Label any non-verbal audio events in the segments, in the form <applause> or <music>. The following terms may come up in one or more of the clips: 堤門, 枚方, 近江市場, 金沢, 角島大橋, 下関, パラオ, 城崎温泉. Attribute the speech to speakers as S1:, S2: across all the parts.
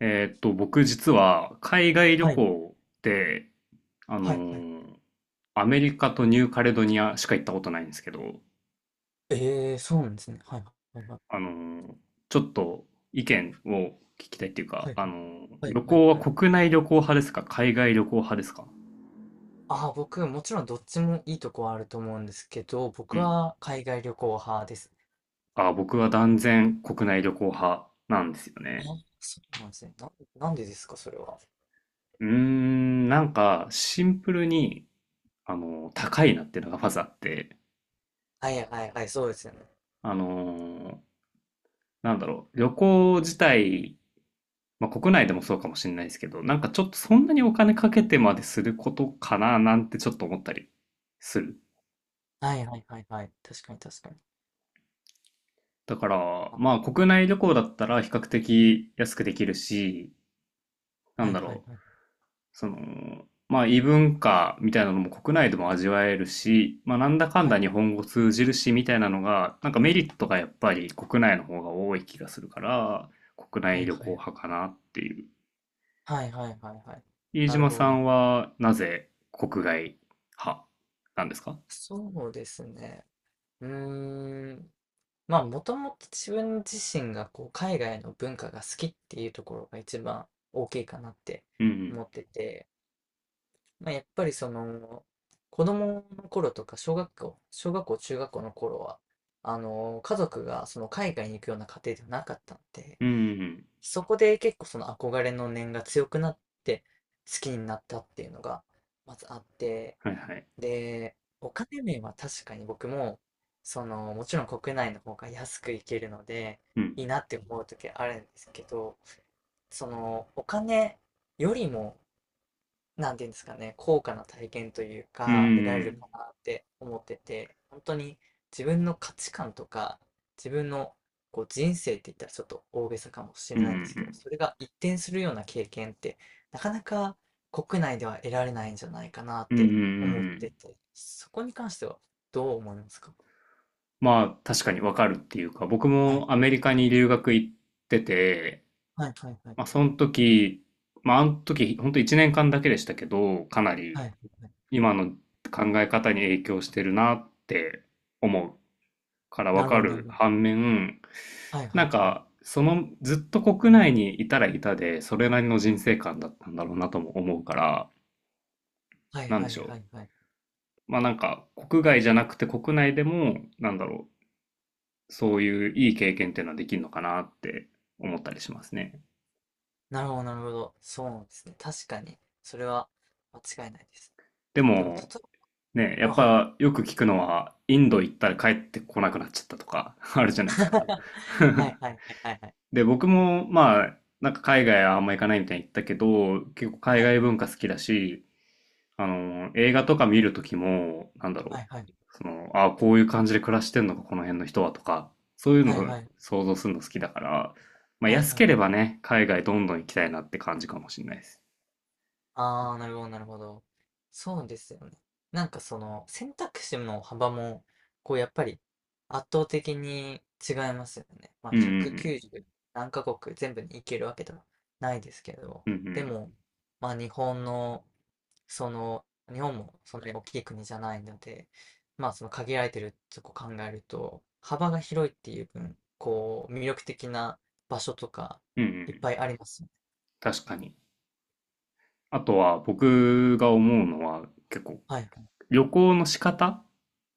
S1: 僕実は海外旅
S2: はい。
S1: 行ってあの
S2: はいはい。
S1: ーアメリカとニューカレドニアしか行ったことないんですけど、
S2: ええ、そうなんですね。はいはいはい。
S1: あのーちょっと意見を聞きたいっていうか、
S2: はいはい。はい
S1: 旅
S2: はい
S1: 行は
S2: はい。
S1: 国内旅行派ですか海外旅行派ですか？
S2: ああ、僕、もちろんどっちもいいとこはあると思うんですけど、
S1: う
S2: 僕
S1: ん。
S2: は海外旅行派です。
S1: あ、僕は断然国内旅行派なんですよ
S2: あ
S1: ね。
S2: あ、そうなんですね。なんでですか、それは。
S1: うーん、なんかシンプルに、あの高いなっていうのがまずあって、
S2: はいはいはい、そうですよね。
S1: あのなんだろう、旅行自体まあ、国内でもそうかもしれないですけど、なんかちょっとそんなにお金かけてまですることかななんてちょっと思ったりする。
S2: はいはいはいはい。確かに確かに。
S1: だか
S2: あ
S1: ら、ま
S2: ー、
S1: あ国内旅行だったら比較的安くできるし、な
S2: は
S1: ん
S2: い
S1: だ
S2: はい
S1: ろう、
S2: はい。
S1: その、まあ異文化みたいなのも国内でも味わえるし、まあなんだかん
S2: は
S1: だ
S2: い。
S1: 日本語通じるしみたいなのが、なんかメリットがやっぱり国内の方が多い気がするから、国
S2: は
S1: 内
S2: い
S1: 旅
S2: は
S1: 行
S2: い。
S1: 派かなっていう。
S2: はいはいはいはい。
S1: 飯
S2: なる
S1: 島
S2: ほ
S1: さ
S2: どな。
S1: んはなぜ国外派なんですか？
S2: そうですね。うーん。まあ、もともと自分自身がこう海外の文化が好きっていうところが一番大きいかなって
S1: うん
S2: 思ってて、まあ、やっぱりその子供の頃とか小学校、中学校の頃は、あの、家族がその海外に行くような家庭ではなかったんで、
S1: うん。うんうんうん。
S2: そこで結構その憧れの念が強くなって好きになったっていうのがまずあって、
S1: はいはい。
S2: で、お金面は確かに僕も、その、もちろん国内の方が安く行けるので、
S1: うん。
S2: いいなって思う時あるんですけど、その、お金よりもなんていうんですかね、高価な体験という
S1: うん
S2: か、得ら
S1: う
S2: れる
S1: ん
S2: かなって思ってて、本当に自分の価値観とか、自分のこう人生って言ったらちょっと大げさかもし
S1: う
S2: れ
S1: ん。うんう
S2: ないん
S1: ん
S2: です
S1: う
S2: けど、
S1: ん。
S2: それが一転するような経験って、なかなか国内では得られないんじゃないか
S1: うんうんうんはいはいうんうんうんうんうんうん
S2: なって思っ
S1: うんう
S2: て
S1: ん、
S2: て、そこに関してはどう思いますか？
S1: まあ、確かにわかるっていうか、僕
S2: は
S1: も
S2: い、
S1: アメリカに留学行ってて、
S2: はい、はい、はい。
S1: まあ、その時、まあ、あの時、本当と1年間だけでしたけど、かな
S2: は
S1: り
S2: い、はい。
S1: 今の考え方に影響してるなって思うからわ
S2: なる
S1: か
S2: ほど、なる
S1: る
S2: ほど。
S1: 反面、
S2: はい、は
S1: なん
S2: い、はい。
S1: か、その、ずっと国内にいたらいたで、それなりの人生観だったんだろうなとも思うから、
S2: はい、
S1: なん
S2: は
S1: でし
S2: い、
S1: ょ
S2: は
S1: う。
S2: い、はい。
S1: まあなんか国外じゃなくて国内でも、なんだろう、そういういい経験っていうのはできるのかなって思ったりしますね。
S2: なるほど、なるほど。そうなんですね。確かに。それは間違いないです。
S1: で
S2: でも、例
S1: も、
S2: え
S1: ね、や
S2: ば、
S1: っ
S2: あ、はいはい。
S1: ぱよく聞くのは、インド行ったら帰ってこなくなっちゃったとか <laughs>、あるじゃないですか。
S2: <laughs> はい
S1: <laughs>
S2: はいはいはいはい。
S1: で、僕もまあ、なんか海外はあんま行かないみたいに言ったけど、結構海
S2: はい
S1: 外
S2: はい。
S1: 文化好きだし、あの、映画とか見るときも、なんだろ
S2: はいはい。
S1: う。その、ああ、こういう感じで暮らしてんのか、この辺の人はとか、そういう
S2: は
S1: の
S2: い
S1: を
S2: はい。
S1: 想像するの好きだから、まあ
S2: はい
S1: 安
S2: は
S1: け
S2: い。
S1: ればね、海外どんどん行きたいなって感じかもしれないです。
S2: ああ、なるほど、なるほど。そうですよね。なんかその選択肢の幅も、こうやっぱり圧倒的に違いますよね。まあ
S1: うんうん
S2: 190何カ国全部に行けるわけではないですけど、
S1: うん。うんう
S2: で
S1: ん。
S2: も、まあ日本のその、日本もそんなに大きい国じゃないので、まあその限られてるとこ考えると、幅が広いっていう分、こう、魅力的な場所とか、
S1: うんう
S2: いっ
S1: ん。
S2: ぱいありますよね。
S1: 確かに。あとは僕が思うのは結構
S2: はいはい。
S1: 旅行の仕方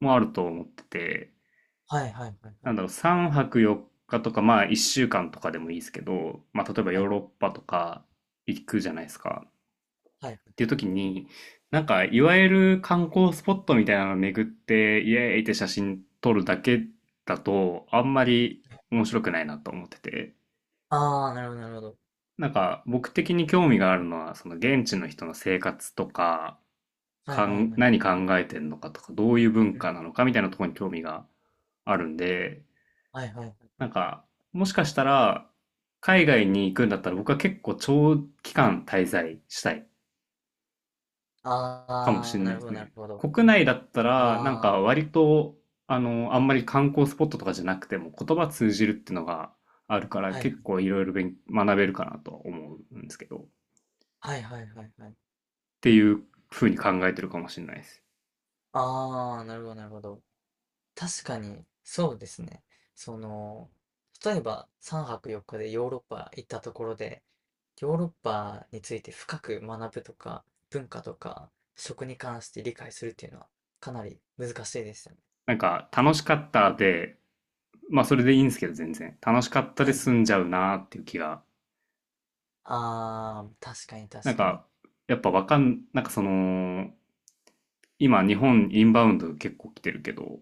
S1: もあると思ってて、
S2: はいはいはいは
S1: な
S2: い。
S1: んだろう、3泊4日とか、まあ1週間とかでもいいですけど、まあ例えば
S2: は
S1: ヨー
S2: い
S1: ロッパとか行くじゃないですか。
S2: はい
S1: っ
S2: は
S1: てい
S2: い
S1: う時に、なんか、いわゆる観光スポットみたいなのを巡って、イエーイって写真撮るだけだと、あんまり
S2: はい。
S1: 面白くないなと思ってて、
S2: ああー、なるほどなるほど。
S1: なんか、僕的に興味があるのは、その現地の人の生活とか、
S2: は
S1: か
S2: いはい
S1: ん、
S2: はい。
S1: 何考えてんのかとか、どういう文
S2: うん。
S1: 化なのかみたいなところに興味があるんで、
S2: はいはいはい。
S1: なんか、もしかしたら、海外に行くんだったら僕は結構長期間滞在したい
S2: あ
S1: かもしれ
S2: あ、
S1: な
S2: な
S1: い
S2: る
S1: で
S2: ほ
S1: す
S2: どなる
S1: ね。
S2: ほど。
S1: 国内だったら、なん
S2: あ
S1: か
S2: あ、
S1: 割と、あの、あんまり観光スポットとかじゃなくても言葉通じるっていうのがあるから
S2: はい
S1: 結構いろいろ勉学べるかなとは思うんですけど、っ
S2: はいはいはいはい。
S1: ていうふうに考えてるかもしれないです。
S2: ああ、なるほどなるほど。確かに、そうですね。その、例えば3泊4日でヨーロッパ行ったところで、ヨーロッパについて深く学ぶとか、文化とか、食に関して理解するっていうのは、かなり難しいですよね。
S1: なんか楽しかったで、まあそれでいいんですけど全然。楽しかった
S2: は
S1: で
S2: い。
S1: 済んじゃうなっていう気が。
S2: ああ、確かに
S1: な
S2: 確
S1: ん
S2: かに。
S1: か、やっぱわかん、なんかその、今日本インバウンド結構来てるけど、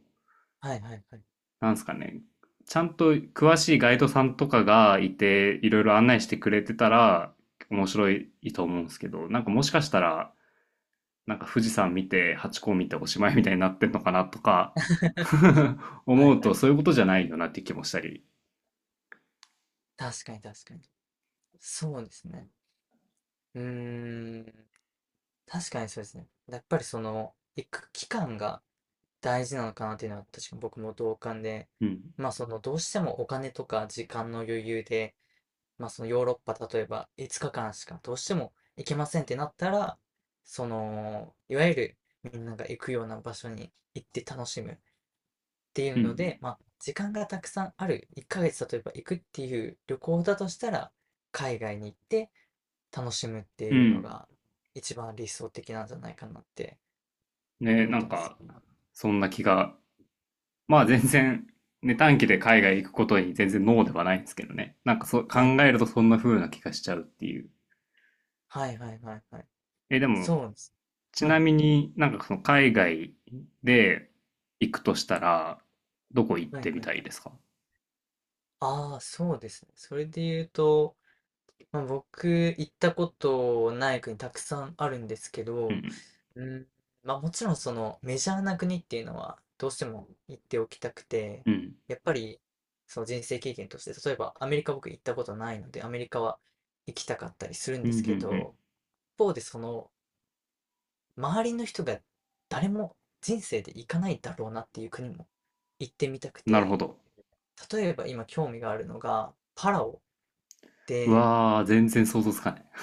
S2: はいはいはい。
S1: なんですかね、ちゃんと詳しいガイドさんとかがいて、いろいろ案内してくれてたら、面白いと思うんですけど、なんかもしかしたら、なんか富士山見て、ハチ公見ておしまいみたいになってんのかなとか、
S2: <laughs>
S1: <laughs>
S2: はい
S1: 思う
S2: は
S1: と
S2: い。
S1: そういうことじゃないよなって気もしたり。
S2: 確かに確かに。そうですね。うーん。確かにそうですね。やっぱりその、行く期間が大事なのかなっていうのは確かに僕も同感で、
S1: うん。
S2: まあそのどうしてもお金とか時間の余裕で、まあそのヨーロッパ例えば5日間しかどうしても行けませんってなったら、その、いわゆるみんなが行くような場所に行って楽しむって
S1: う
S2: いうので、
S1: ん、
S2: まあ時間がたくさんある1ヶ月例えば行くっていう旅行だとしたら、海外に行って楽しむって
S1: うん。う
S2: いうの
S1: ん。
S2: が一番理想的なんじゃないかなって
S1: ね、
S2: 思っ
S1: な
S2: た
S1: ん
S2: んです
S1: か、
S2: よ。
S1: そんな気が。まあ全然、ね、短期で海外行くことに全然ノーではないんですけどね。なんかそう、考
S2: はい。
S1: えるとそんな風な気がしちゃうっていう。
S2: はいはいはいはい。
S1: え、でも、
S2: そうなんです。
S1: ち
S2: は
S1: な
S2: い。
S1: みになんかその海外で行くとしたら、どこ行っ
S2: はい
S1: てみ
S2: はい
S1: た
S2: は
S1: いで
S2: い。
S1: すか？
S2: ああ、そうですね。それで言うと、まあ、僕、行ったことない国たくさんあるんですけ
S1: う
S2: ど、
S1: ん。
S2: うん、まあもちろんそのメジャーな国っていうのはどうしても行っておきたくて、
S1: うん。
S2: やっぱりその人生経験として、例えばアメリカ僕行ったことないので、アメリカは行きたかったりするん
S1: うん。
S2: で
S1: うん。う
S2: す
S1: んう
S2: け
S1: ん、
S2: ど、一方でその周りの人が誰も人生で行かないだろうなっていう国も行ってみたく
S1: なるほ
S2: て、
S1: ど。
S2: 例えば今興味があるのが、パラオ
S1: う
S2: で、
S1: わー、全然想像つかない。<laughs>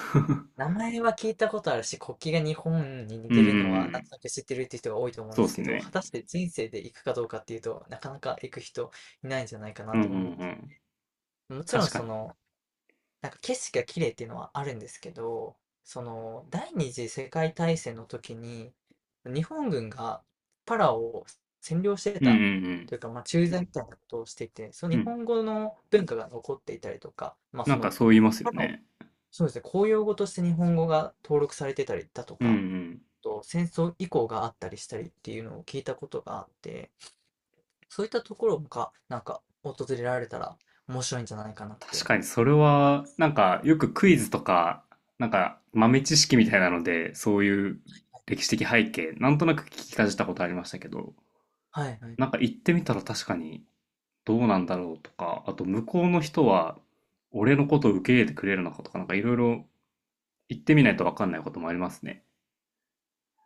S2: 名前は聞いたことあるし、国旗が日本に似
S1: うんう
S2: て
S1: んう
S2: るのは、なん
S1: ん。
S2: となく知ってるっていう人が多いと思うん
S1: そ
S2: で
S1: うで
S2: す
S1: す
S2: けど、果
S1: ね。
S2: たして人生で行くかどうかっていうとなかなか行く人いないんじゃないかな
S1: う
S2: っ
S1: んう
S2: て
S1: んう
S2: 思って。
S1: ん。
S2: もちろん
S1: 確か
S2: そ
S1: に。
S2: の、なんか景色が綺麗っていうのはあるんですけど、その第二次世界大戦の時に日本軍がパラオを占領して
S1: うんう
S2: たと
S1: ん
S2: いうか、まあ、駐在みたいなことをしていて、その
S1: うん。う
S2: 日
S1: ん。
S2: 本語の文化が残っていたりとか、まあ、
S1: な
S2: そ
S1: んか
S2: の
S1: そう言いますよ
S2: パラオ、
S1: ね。
S2: そうですね、公用語として日本語が登録されてたりだと
S1: うんう
S2: か、
S1: ん。
S2: あと戦争以降があったりしたりっていうのを聞いたことがあって、そういったところがなんか訪れられたら面白いんじゃないかなっ
S1: 確
S2: て。
S1: かにそれは、なんかよくクイズとか、なんか豆知識みたいなので、そういう歴史的背景、なんとなく聞きかじったことありましたけど、
S2: はいはい。
S1: なんか行ってみたら確かにどうなんだろうとか、あと向こうの人は俺のことを受け入れてくれるのかとか、なんかいろいろ行ってみないと分かんないこともありますね。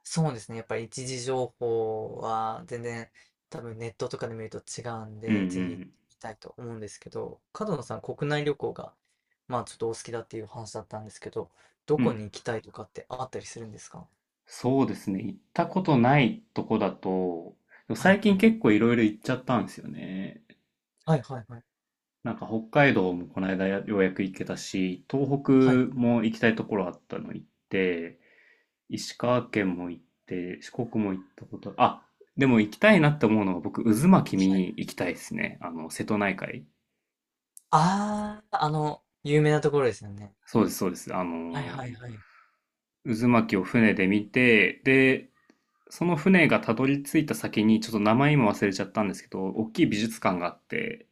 S2: そうですね。やっぱり一次情報は全然多分ネットとかで見ると違うん
S1: うんう
S2: で、ぜひ行
S1: ん。
S2: きたいと思うんですけど、角野さん国内旅行がまあちょっとお好きだっていう話だったんですけど、ど
S1: う
S2: こ
S1: ん。
S2: に行きたいとかってあったりするんですか？
S1: そうですね。行ったことないとこだと、でも
S2: はい
S1: 最
S2: は
S1: 近
S2: い。
S1: 結構いろいろ行っちゃったんですよね。
S2: はいはいはい。
S1: なんか北海道もこの間ようやく行けたし、東北
S2: はい。
S1: も行きたいところあったの行って、石川県も行って、四国も行ったこと、あ、でも行きたいなって思うのが僕、渦巻き見
S2: はい。
S1: に行きたいですね。あの、瀬戸内海。
S2: ああ、あの、有名なところですよね。
S1: そうです、そうです。あ
S2: はい
S1: の
S2: はいはい。
S1: 渦巻きを船で見て、で、その船がたどり着いた先に、ちょっと名前今忘れちゃったんですけど、大きい美術館があって、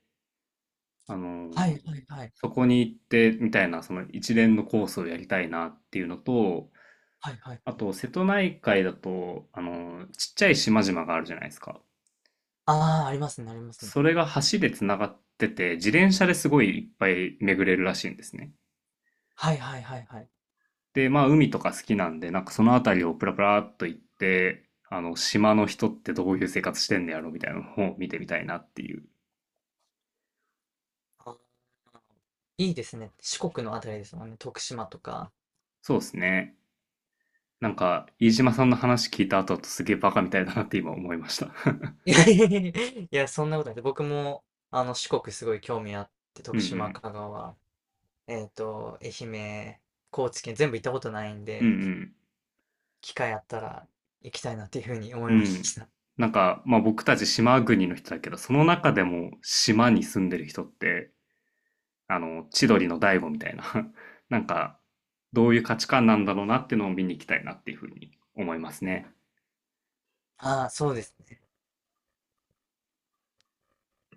S1: あの
S2: はいはいはい。
S1: そこに行ってみたいな、その一連のコースをやりたいなっていうのと、
S2: はいはいはい。
S1: あと、瀬戸内海だと、あのちっちゃい島々があるじゃないですか。
S2: ああ、ありますね、ありますね。
S1: それが橋でつながってて、自転車ですごいいっぱい巡れるらしいんですね。
S2: はいはいはいはい
S1: で、まあ海とか好きなんで、なんかその辺りをプラプラっと行って、あの、島の人ってどういう生活してんのやろみたいなのを見てみたいなっていう。
S2: はいはいはいはいああありますねありますねはいはいはいはい、あー、いいですね。四国のあたりですもんね。徳島とか。
S1: そうですね。なんか、飯島さんの話聞いた後だとすげえバカみたいだなって今思いました。<laughs>
S2: いやいやいやいや、そんなことない。僕も、あの、四国すごい興味あって、
S1: うん
S2: 徳
S1: う
S2: 島、
S1: ん。
S2: 香川、えっと、愛媛、高知県全部行ったことないん
S1: う
S2: で、
S1: ん
S2: 機会あったら行きたいなっていうふうに思
S1: うん。
S2: い
S1: う
S2: ま
S1: ん。
S2: した。
S1: なんか、まあ僕たち島国の人だけど、その中でも島に住んでる人ってあの、千鳥の大悟みたいな、<laughs> なんか、どういう価値観なんだろうなっていうのを見に行きたいなっていうふうに思いますね。
S2: <laughs> ああ、そうです。